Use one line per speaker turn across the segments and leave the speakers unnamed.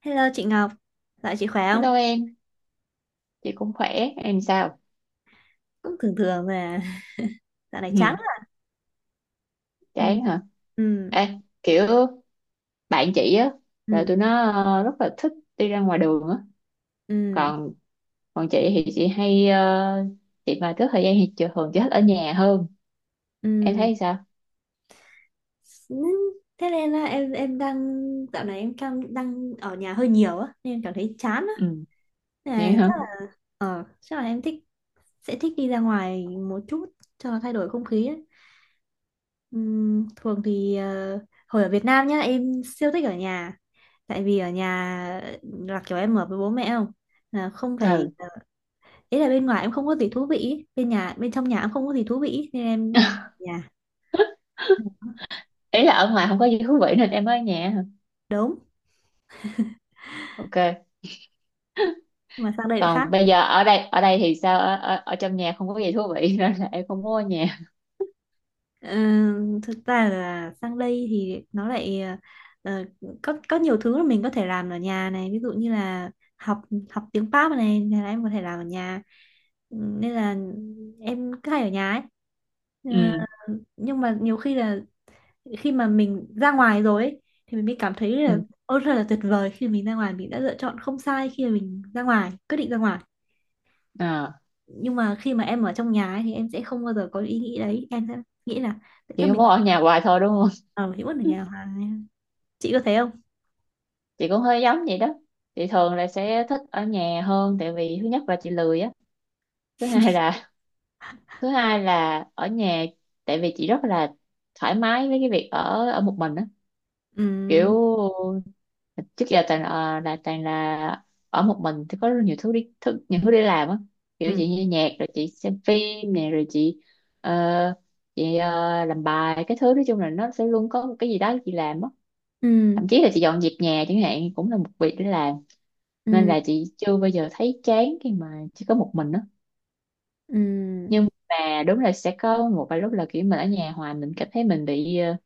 Hello chị Ngọc, dạo chị khỏe không?
Hello em, chị cũng khỏe, em sao?
Cũng thường thường mà, dạo này chán
Ừ,
lắm. Ừ,
chán hả?
ừ,
Ê, kiểu bạn chị á, là
ừ,
tụi nó rất là thích đi ra ngoài đường á.
ừ,
Còn còn chị thì chị hay, chị mà có thời gian thì chị thường thích ở nhà hơn. Em
ừ.
thấy sao?
Ừ, thế nên là em đang dạo này em đang đang ở nhà hơi nhiều á, nên em cảm thấy chán á.
Ừ,
Nên
vậy
là chắc
hả?
là ờ, chắc là em thích sẽ thích đi ra ngoài một chút cho thay đổi không khí á. Thường thì hồi ở Việt Nam nhá em siêu thích ở nhà, tại vì ở nhà là kiểu em ở với bố mẹ không, là không phải,
Ừ.
ý là bên ngoài em không có gì thú vị ý. Bên nhà, bên trong nhà em không có gì thú vị ý, nên em nhà
Ý là ở ngoài không có gì thú vị nên em ở nhà hả?
đúng,
Ok.
nhưng mà sang đây lại khác.
Còn bây giờ ở đây thì sao? Ở trong nhà không có gì thú vị nên là em không muốn ở nhà.
Ờ, Thực ra là sang đây thì nó lại ờ, có nhiều thứ mà mình có thể làm ở nhà này, ví dụ như là học học tiếng Pháp này là em có thể làm ở nhà. Ừ, nên là em cứ hay ở nhà ấy. Ờ,
Ừ,
nhưng mà nhiều khi là khi mà mình ra ngoài rồi ấy, thì mình mới cảm thấy là
ừ.
ôi thật là tuyệt vời khi mình ra ngoài, mình đã lựa chọn không sai khi mà mình ra ngoài quyết định ra ngoài,
À,
nhưng mà khi mà em ở trong nhà ấy, thì em sẽ không bao giờ có ý nghĩ đấy, em sẽ nghĩ là tại sao
chị không
mình
muốn ở nhà hoài thôi đúng không?
ở nhà hoài, chị có thấy không?
Chị cũng hơi giống vậy đó, chị thường là sẽ thích ở nhà hơn tại vì thứ nhất là chị lười á, thứ hai là thứ hai là ở nhà, tại vì chị rất là thoải mái với cái việc ở ở một mình á.
Ừ,
Kiểu trước giờ toàn là ở một mình thì có rất nhiều thứ để làm á. Kiểu
ừ,
chị nghe nhạc rồi chị xem phim nè rồi ờ, chị làm bài cái thứ, nói chung là nó sẽ luôn có một cái gì đó chị làm á.
ừ,
Thậm chí là chị dọn dẹp nhà chẳng hạn cũng là một việc để làm, nên
ừ,
là chị chưa bao giờ thấy chán khi mà chỉ có một mình đó.
ừ.
Nhưng mà đúng là sẽ có một vài lúc là kiểu mình ở nhà hoài mình cảm thấy mình bị ờ,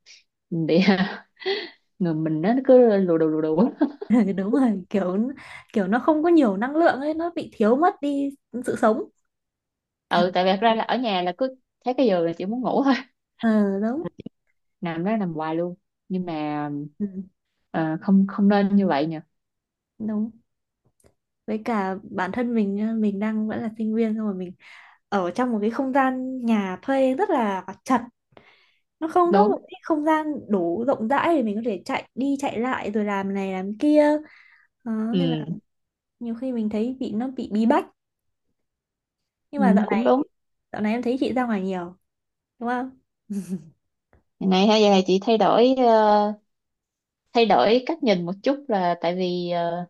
mình bị người mình nó cứ lù đù á.
Đúng rồi, kiểu kiểu nó không có nhiều năng lượng ấy, nó bị thiếu mất đi sự sống.
Ừ,
Cảm
tại vì thật ra là ở nhà là cứ thấy cái giường là chị muốn ngủ thôi,
ờ Đúng.
nằm đó nằm hoài luôn. Nhưng mà
Ừ,
ờ, không không nên như vậy nhỉ.
đúng, với cả bản thân mình nhá, mình đang vẫn là sinh viên, xong rồi mình ở trong một cái không gian nhà thuê rất là chật, nó không có
Đúng.
một cái không gian đủ rộng rãi để mình có thể chạy đi chạy lại rồi làm này làm kia, đó, nên là
Ừ,
nhiều khi mình thấy bị, nó bị bí bách. Nhưng
ừ
mà dạo
cũng
này
đúng.
dạo này em thấy chị ra ngoài nhiều, đúng không?
Ngày nay ha, giờ này chị thay đổi cách nhìn một chút, là tại vì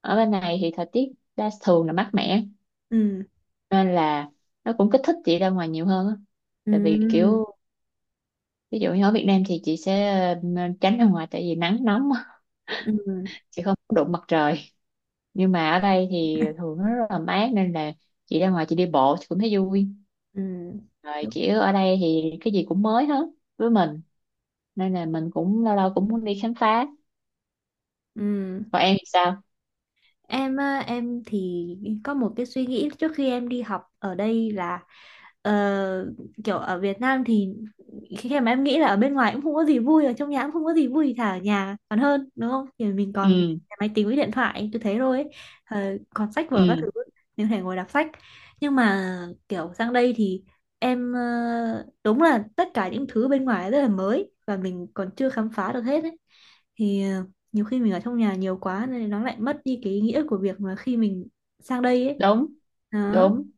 ở bên này thì thời tiết đa thường là mát mẻ
Ừ,
nên là nó cũng kích thích chị ra ngoài nhiều hơn á. Tại vì
ừ,
kiểu ví dụ như ở Việt Nam thì chị sẽ tránh ra ngoài tại vì nắng nóng á,
ừ, ừ,
chị không có đụng mặt trời. Nhưng mà ở đây thì thường nó rất là mát nên là chị ra ngoài chị đi bộ chị cũng thấy vui,
ừ,
rồi
đúng.
kiểu ở đây thì cái gì cũng mới hết với mình, nên là mình cũng lâu lâu cũng muốn đi khám phá.
Ừ.
Còn em thì sao?
Em á, em thì có một cái suy nghĩ trước khi em đi học ở đây là ờ, kiểu ở Việt Nam thì khi mà em nghĩ là ở bên ngoài cũng không có gì vui, ở trong nhà cũng không có gì vui, thì thà ở nhà còn hơn đúng không, thì mình còn
Ừ,
máy tính với điện thoại tôi thấy rồi ấy. Còn sách vở các
ừ,
thứ mình có thể ngồi đọc sách. Nhưng mà kiểu sang đây thì em, đúng là tất cả những thứ bên ngoài rất là mới và mình còn chưa khám phá được hết ấy, thì nhiều khi mình ở trong nhà nhiều quá nên nó lại mất đi cái ý nghĩa của việc mà khi mình sang đây ấy,
đúng,
đó,
đúng.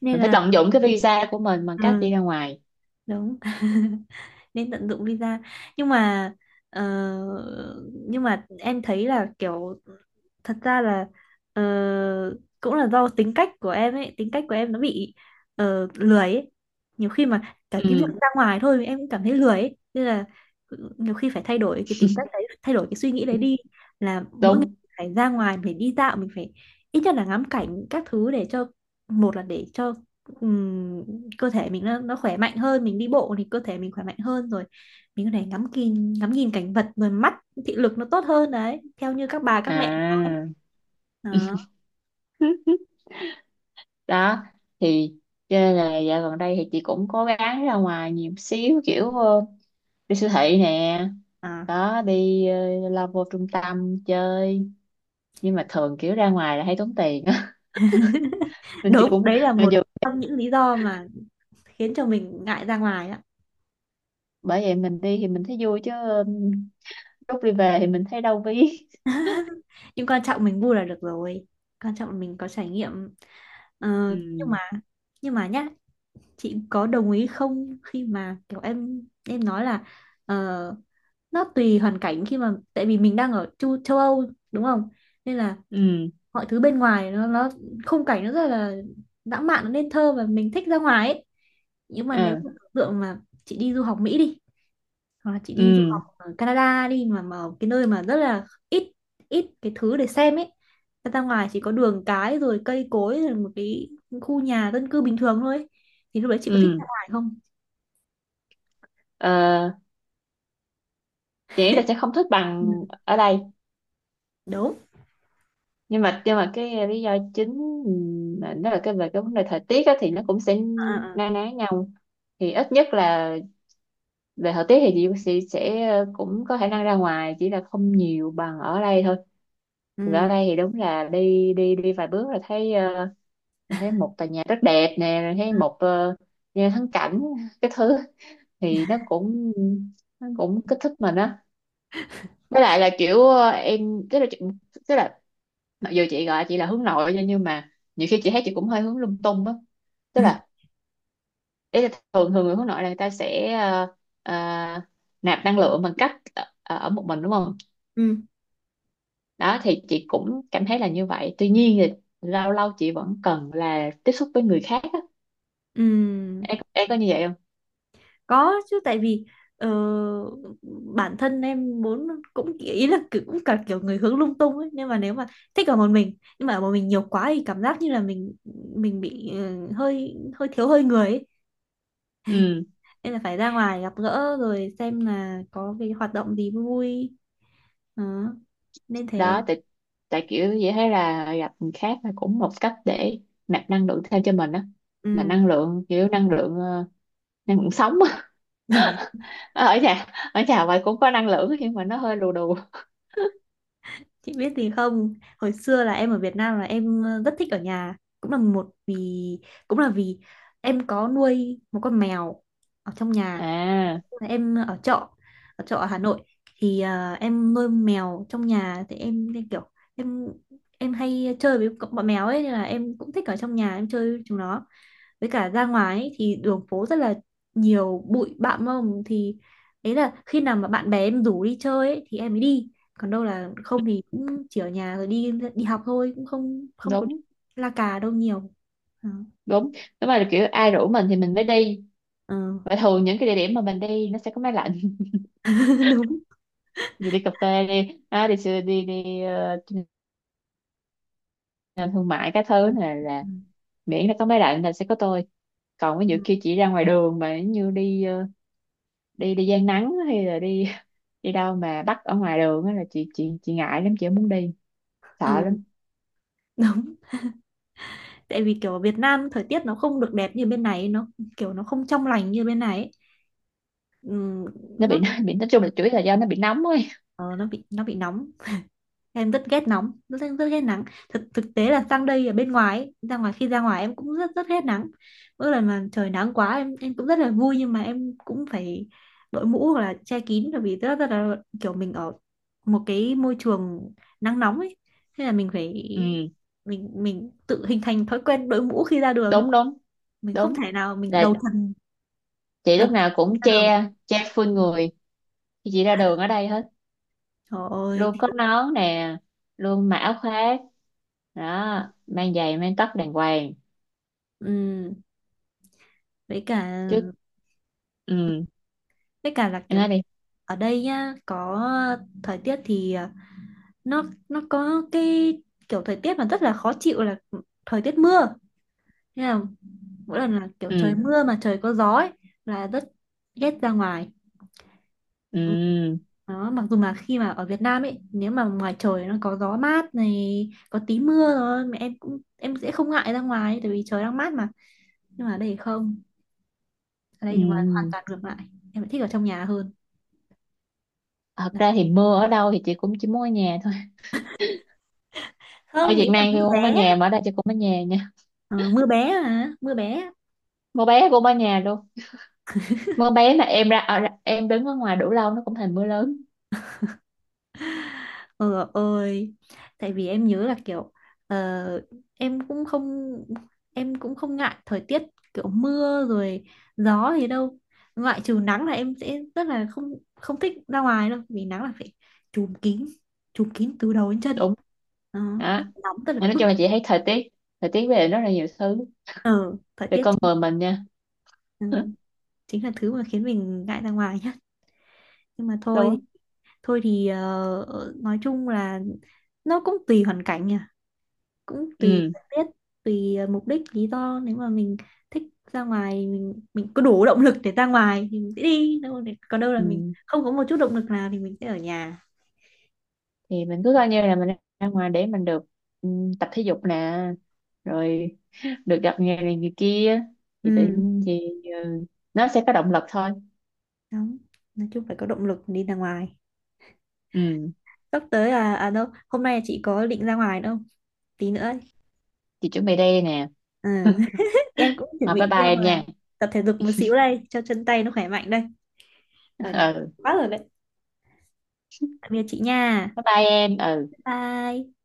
nên
Mình phải
là
tận dụng cái visa của mình bằng cách
ừ,
đi ra ngoài.
đúng. Nên tận dụng visa. Nhưng mà ờ, nhưng mà em thấy là kiểu thật ra là ờ, cũng là do tính cách của em ấy, tính cách của em nó bị lười ấy. Nhiều khi mà cả cái
Ừ,
việc ra ngoài thôi em cũng cảm thấy lười ấy, nên là nhiều khi phải thay đổi cái tính cách đấy, thay đổi cái suy nghĩ đấy đi, là mỗi ngày
đúng
phải ra ngoài, phải đi dạo, mình phải ít nhất là ngắm cảnh các thứ để cho, một là để cho, ừm, cơ thể mình nó khỏe mạnh hơn, mình đi bộ thì cơ thể mình khỏe mạnh hơn rồi, mình có thể ngắm nhìn cảnh vật rồi mắt, thị lực nó tốt hơn đấy, theo như các bà các mẹ nói
à.
đó.
Đó thì cho nên là dạo gần đây thì chị cũng cố gắng ra ngoài nhiều xíu, kiểu đi siêu thị nè,
À,
đó đi lao vô trung tâm chơi, nhưng mà thường kiểu ra ngoài là hay tốn tiền á. Nên chị
đúng,
cũng
đấy là
mà
một
dù.
trong những lý do mà khiến cho mình ngại ra ngoài đó.
Bởi vậy mình đi thì mình thấy vui chứ, lúc đi về thì mình thấy đau ví.
Nhưng quan trọng mình vui là được rồi, quan trọng là mình có trải nghiệm. Ờ, nhưng mà
Ừ,
nhưng mà nhá, chị có đồng ý không khi mà kiểu em nói là ờ, nó tùy hoàn cảnh, khi mà tại vì mình đang ở châu Âu, đúng không, nên là
ừ,
mọi thứ bên ngoài nó khung cảnh nó rất là lãng mạn, nó nên thơ và mình thích ra ngoài ấy. Nhưng mà nếu
ờ,
mà tưởng tượng mà chị đi du học Mỹ đi, hoặc là chị đi du
ừ,
học ở Canada đi, mà ở cái nơi mà rất là ít ít cái thứ để xem ấy, ra ra ngoài chỉ có đường cái rồi cây cối rồi một cái khu nhà dân cư bình thường thôi ấy, thì lúc đấy chị có thích
ừ.
ra ngoài không?
Ờ, chị nghĩ là sẽ không thích
Ừ,
bằng ở đây,
đúng.
nhưng mà cái lý do chính, ừ, mà nó là cái về cái vấn đề thời tiết á, thì nó cũng sẽ
À, à, à.
na ná nhau, thì ít nhất là về thời tiết thì chị sẽ cũng có khả năng ra ngoài, chỉ là không nhiều bằng ở đây thôi. Vì ở
Ừ.
đây thì đúng là đi đi đi vài bước là thấy là thấy một tòa nhà rất đẹp nè, rồi thấy
Ừ.
một nhà thắng cảnh cái thứ, thì nó cũng kích thích mình á. Với lại là kiểu em tức là mặc dù chị gọi chị là hướng nội nha, nhưng mà nhiều khi chị thấy chị cũng hơi hướng lung tung á. Tức là ý là thường thường người hướng nội là người ta sẽ ờ, nạp năng lượng bằng cách ở một mình đúng không.
Ừ.
Đó thì chị cũng cảm thấy là như vậy, tuy nhiên thì lâu lâu chị vẫn cần là tiếp xúc với người khác á.
Ừ.
Em có như vậy không?
Có chứ, tại vì ờ, bản thân em muốn cũng ý là kiểu- cũng cả kiểu người hướng lung tung ấy, nhưng mà nếu mà thích ở một mình nhưng mà ở một mình nhiều quá thì cảm giác như là mình bị hơi hơi thiếu hơi người ấy.
Ừ,
Nên là phải ra ngoài gặp gỡ rồi xem là có cái hoạt động gì vui vui, đó, nên
đó
thế.
tại, kiểu chị thấy là gặp người khác là cũng một cách để nạp năng lượng thêm cho mình á, là
Ừ.
năng lượng kiểu năng lượng, năng lượng sống. Ờ, ở nhà vậy cũng có năng lượng nhưng mà nó hơi lù đù.
Chị biết gì không, hồi xưa là em ở Việt Nam là em rất thích ở nhà, cũng là vì em có nuôi một con mèo ở trong nhà,
À,
em ở trọ, ở Hà Nội, thì em nuôi mèo trong nhà thì em nên kiểu em hay chơi với bọn mèo ấy, nên là em cũng thích ở trong nhà em chơi với chúng nó. Với cả ra ngoài ấy, thì đường phố rất là nhiều bụi bặm mông, thì đấy là khi nào mà bạn bè em rủ đi chơi ấy, thì em mới đi, còn đâu là không thì cũng chỉ ở nhà rồi đi đi học thôi, cũng không không có
đúng,
la cà đâu nhiều. Ờ.
đúng. Đúng là kiểu ai rủ mình thì mình mới đi,
Ờ.
và thường những cái địa điểm mà mình đi nó sẽ có máy lạnh.
Đúng.
Dù đi cà phê đi à, đi đi nhà thương mại cái thứ này là,
Ừ.
miễn nó có máy lạnh là sẽ có tôi. Còn ví
Ừ.
dụ kia chỉ ra ngoài đường mà như đi đi đi gian nắng hay là đi đi đâu mà bắt ở ngoài đường á là chị ngại lắm, chị không muốn đi,
Ờ,
sợ lắm.
đúng, tại vì kiểu ở Việt Nam thời tiết nó không được đẹp như bên này, nó kiểu nó không trong lành như bên này ấy. Ừm,
Nó bị
nó
nó bị nói chung là chủ yếu là do nó bị nóng ấy.
ờ, nó bị nóng, em rất ghét nóng, rất rất ghét nắng. Thực thực tế là sang đây ở bên ngoài ấy, ra ngoài khi ra ngoài em cũng rất rất ghét nắng, mỗi lần mà trời nắng quá em cũng rất là vui nhưng mà em cũng phải đội mũ hoặc là che kín, bởi vì rất rất là kiểu mình ở một cái môi trường nắng nóng ấy, thế là mình phải,
Ừ,
mình tự hình thành thói quen đội mũ khi ra đường ấy,
đúng, đúng.
mình không
Đúng
thể nào mình
là
đầu tuần
chị
độc
lúc nào cũng
ra đường.
che, full
Ừ.
người khi chị ra đường ở đây hết,
Trời ơi.
luôn
Thì-
có nón nè, luôn mặc áo khoác, đó mang giày mang tất đàng hoàng.
ừm, với cả
Trước. Ừ,
với cả là
em nói
kiểu
đi.
ở đây nhá, có thời tiết thì nó nó có cái kiểu thời tiết mà rất là khó chịu là thời tiết mưa. Thế là mỗi lần là kiểu trời
Ừ,
mưa mà trời có gió ấy, là rất ghét ra ngoài. Ừ.
ừ,
Đó, mặc dù là khi mà ở Việt Nam ấy, nếu mà ngoài trời nó có gió mát này, có tí mưa rồi, mà em cũng em sẽ không ngại ra ngoài, tại vì trời đang mát mà. Nhưng mà ở đây thì không, ở
ừ.
đây ngoài hoàn toàn ngược lại, em lại thích ở trong nhà hơn.
Thật ra thì mưa ở đâu thì chị cũng chỉ muốn ở nhà thôi, ở
Không, ý
Việt
là
Nam thì
mưa
cũng ở
bé.
nhà mà ở đây chị cũng ở nhà nha,
Ờ, mưa bé, à, mưa bé.
mưa bé cũng ở nhà luôn. Mưa bé mà em đứng ở ngoài đủ lâu nó cũng thành mưa lớn.
Ờ ơi Tại vì em nhớ là kiểu ờ, em cũng không em cũng không ngại thời tiết kiểu mưa rồi gió gì đâu, ngoại trừ nắng là em sẽ rất là không không thích ra ngoài đâu, vì nắng là phải trùm kín, trùm kín từ đầu đến chân,
Đúng,
đó
đó.
rất là nóng, rất là
Mà nói
bức.
chung là chị thấy thời tiết, về rất là nhiều thứ,
Ờ Thời
về
tiết
con
chính,
người mình nha.
ừ, chính là thứ mà khiến mình ngại ra ngoài nhá. Nhưng mà thôi,
Đúng.
thôi thì nói chung là nó cũng tùy hoàn cảnh nhỉ, cũng tùy
Ừ,
thời tiết, tùy mục đích lý do, nếu mà mình thích ra ngoài mình có đủ động lực để ra ngoài thì mình sẽ đi đâu để- còn đâu là mình
ừ.
không có một chút động lực nào thì mình sẽ ở nhà.
Thì mình cứ coi như là mình ra ngoài để mình được, ừ, tập thể dục nè, rồi được gặp người này người kia, thì tự
Ừ,
nhiên thì, ừ, nó sẽ có động lực thôi.
đúng, nói chung phải có động lực đi ra ngoài.
Ừ.
Sắp tới là, đâu hôm nay chị có định ra ngoài đâu, tí nữa ấy.
Chị chuẩn bị đây nè.
Ừ. Em cũng chuẩn
Rồi, bye
bị
bye
đi ra
em
ngoài
nha.
tập thể dục một xíu đây cho chân tay nó khỏe mạnh đây, ở nhà
Ừ.
quá rồi đấy. Tạm biệt chị nha.
Bye bye em, ừ.
Bye.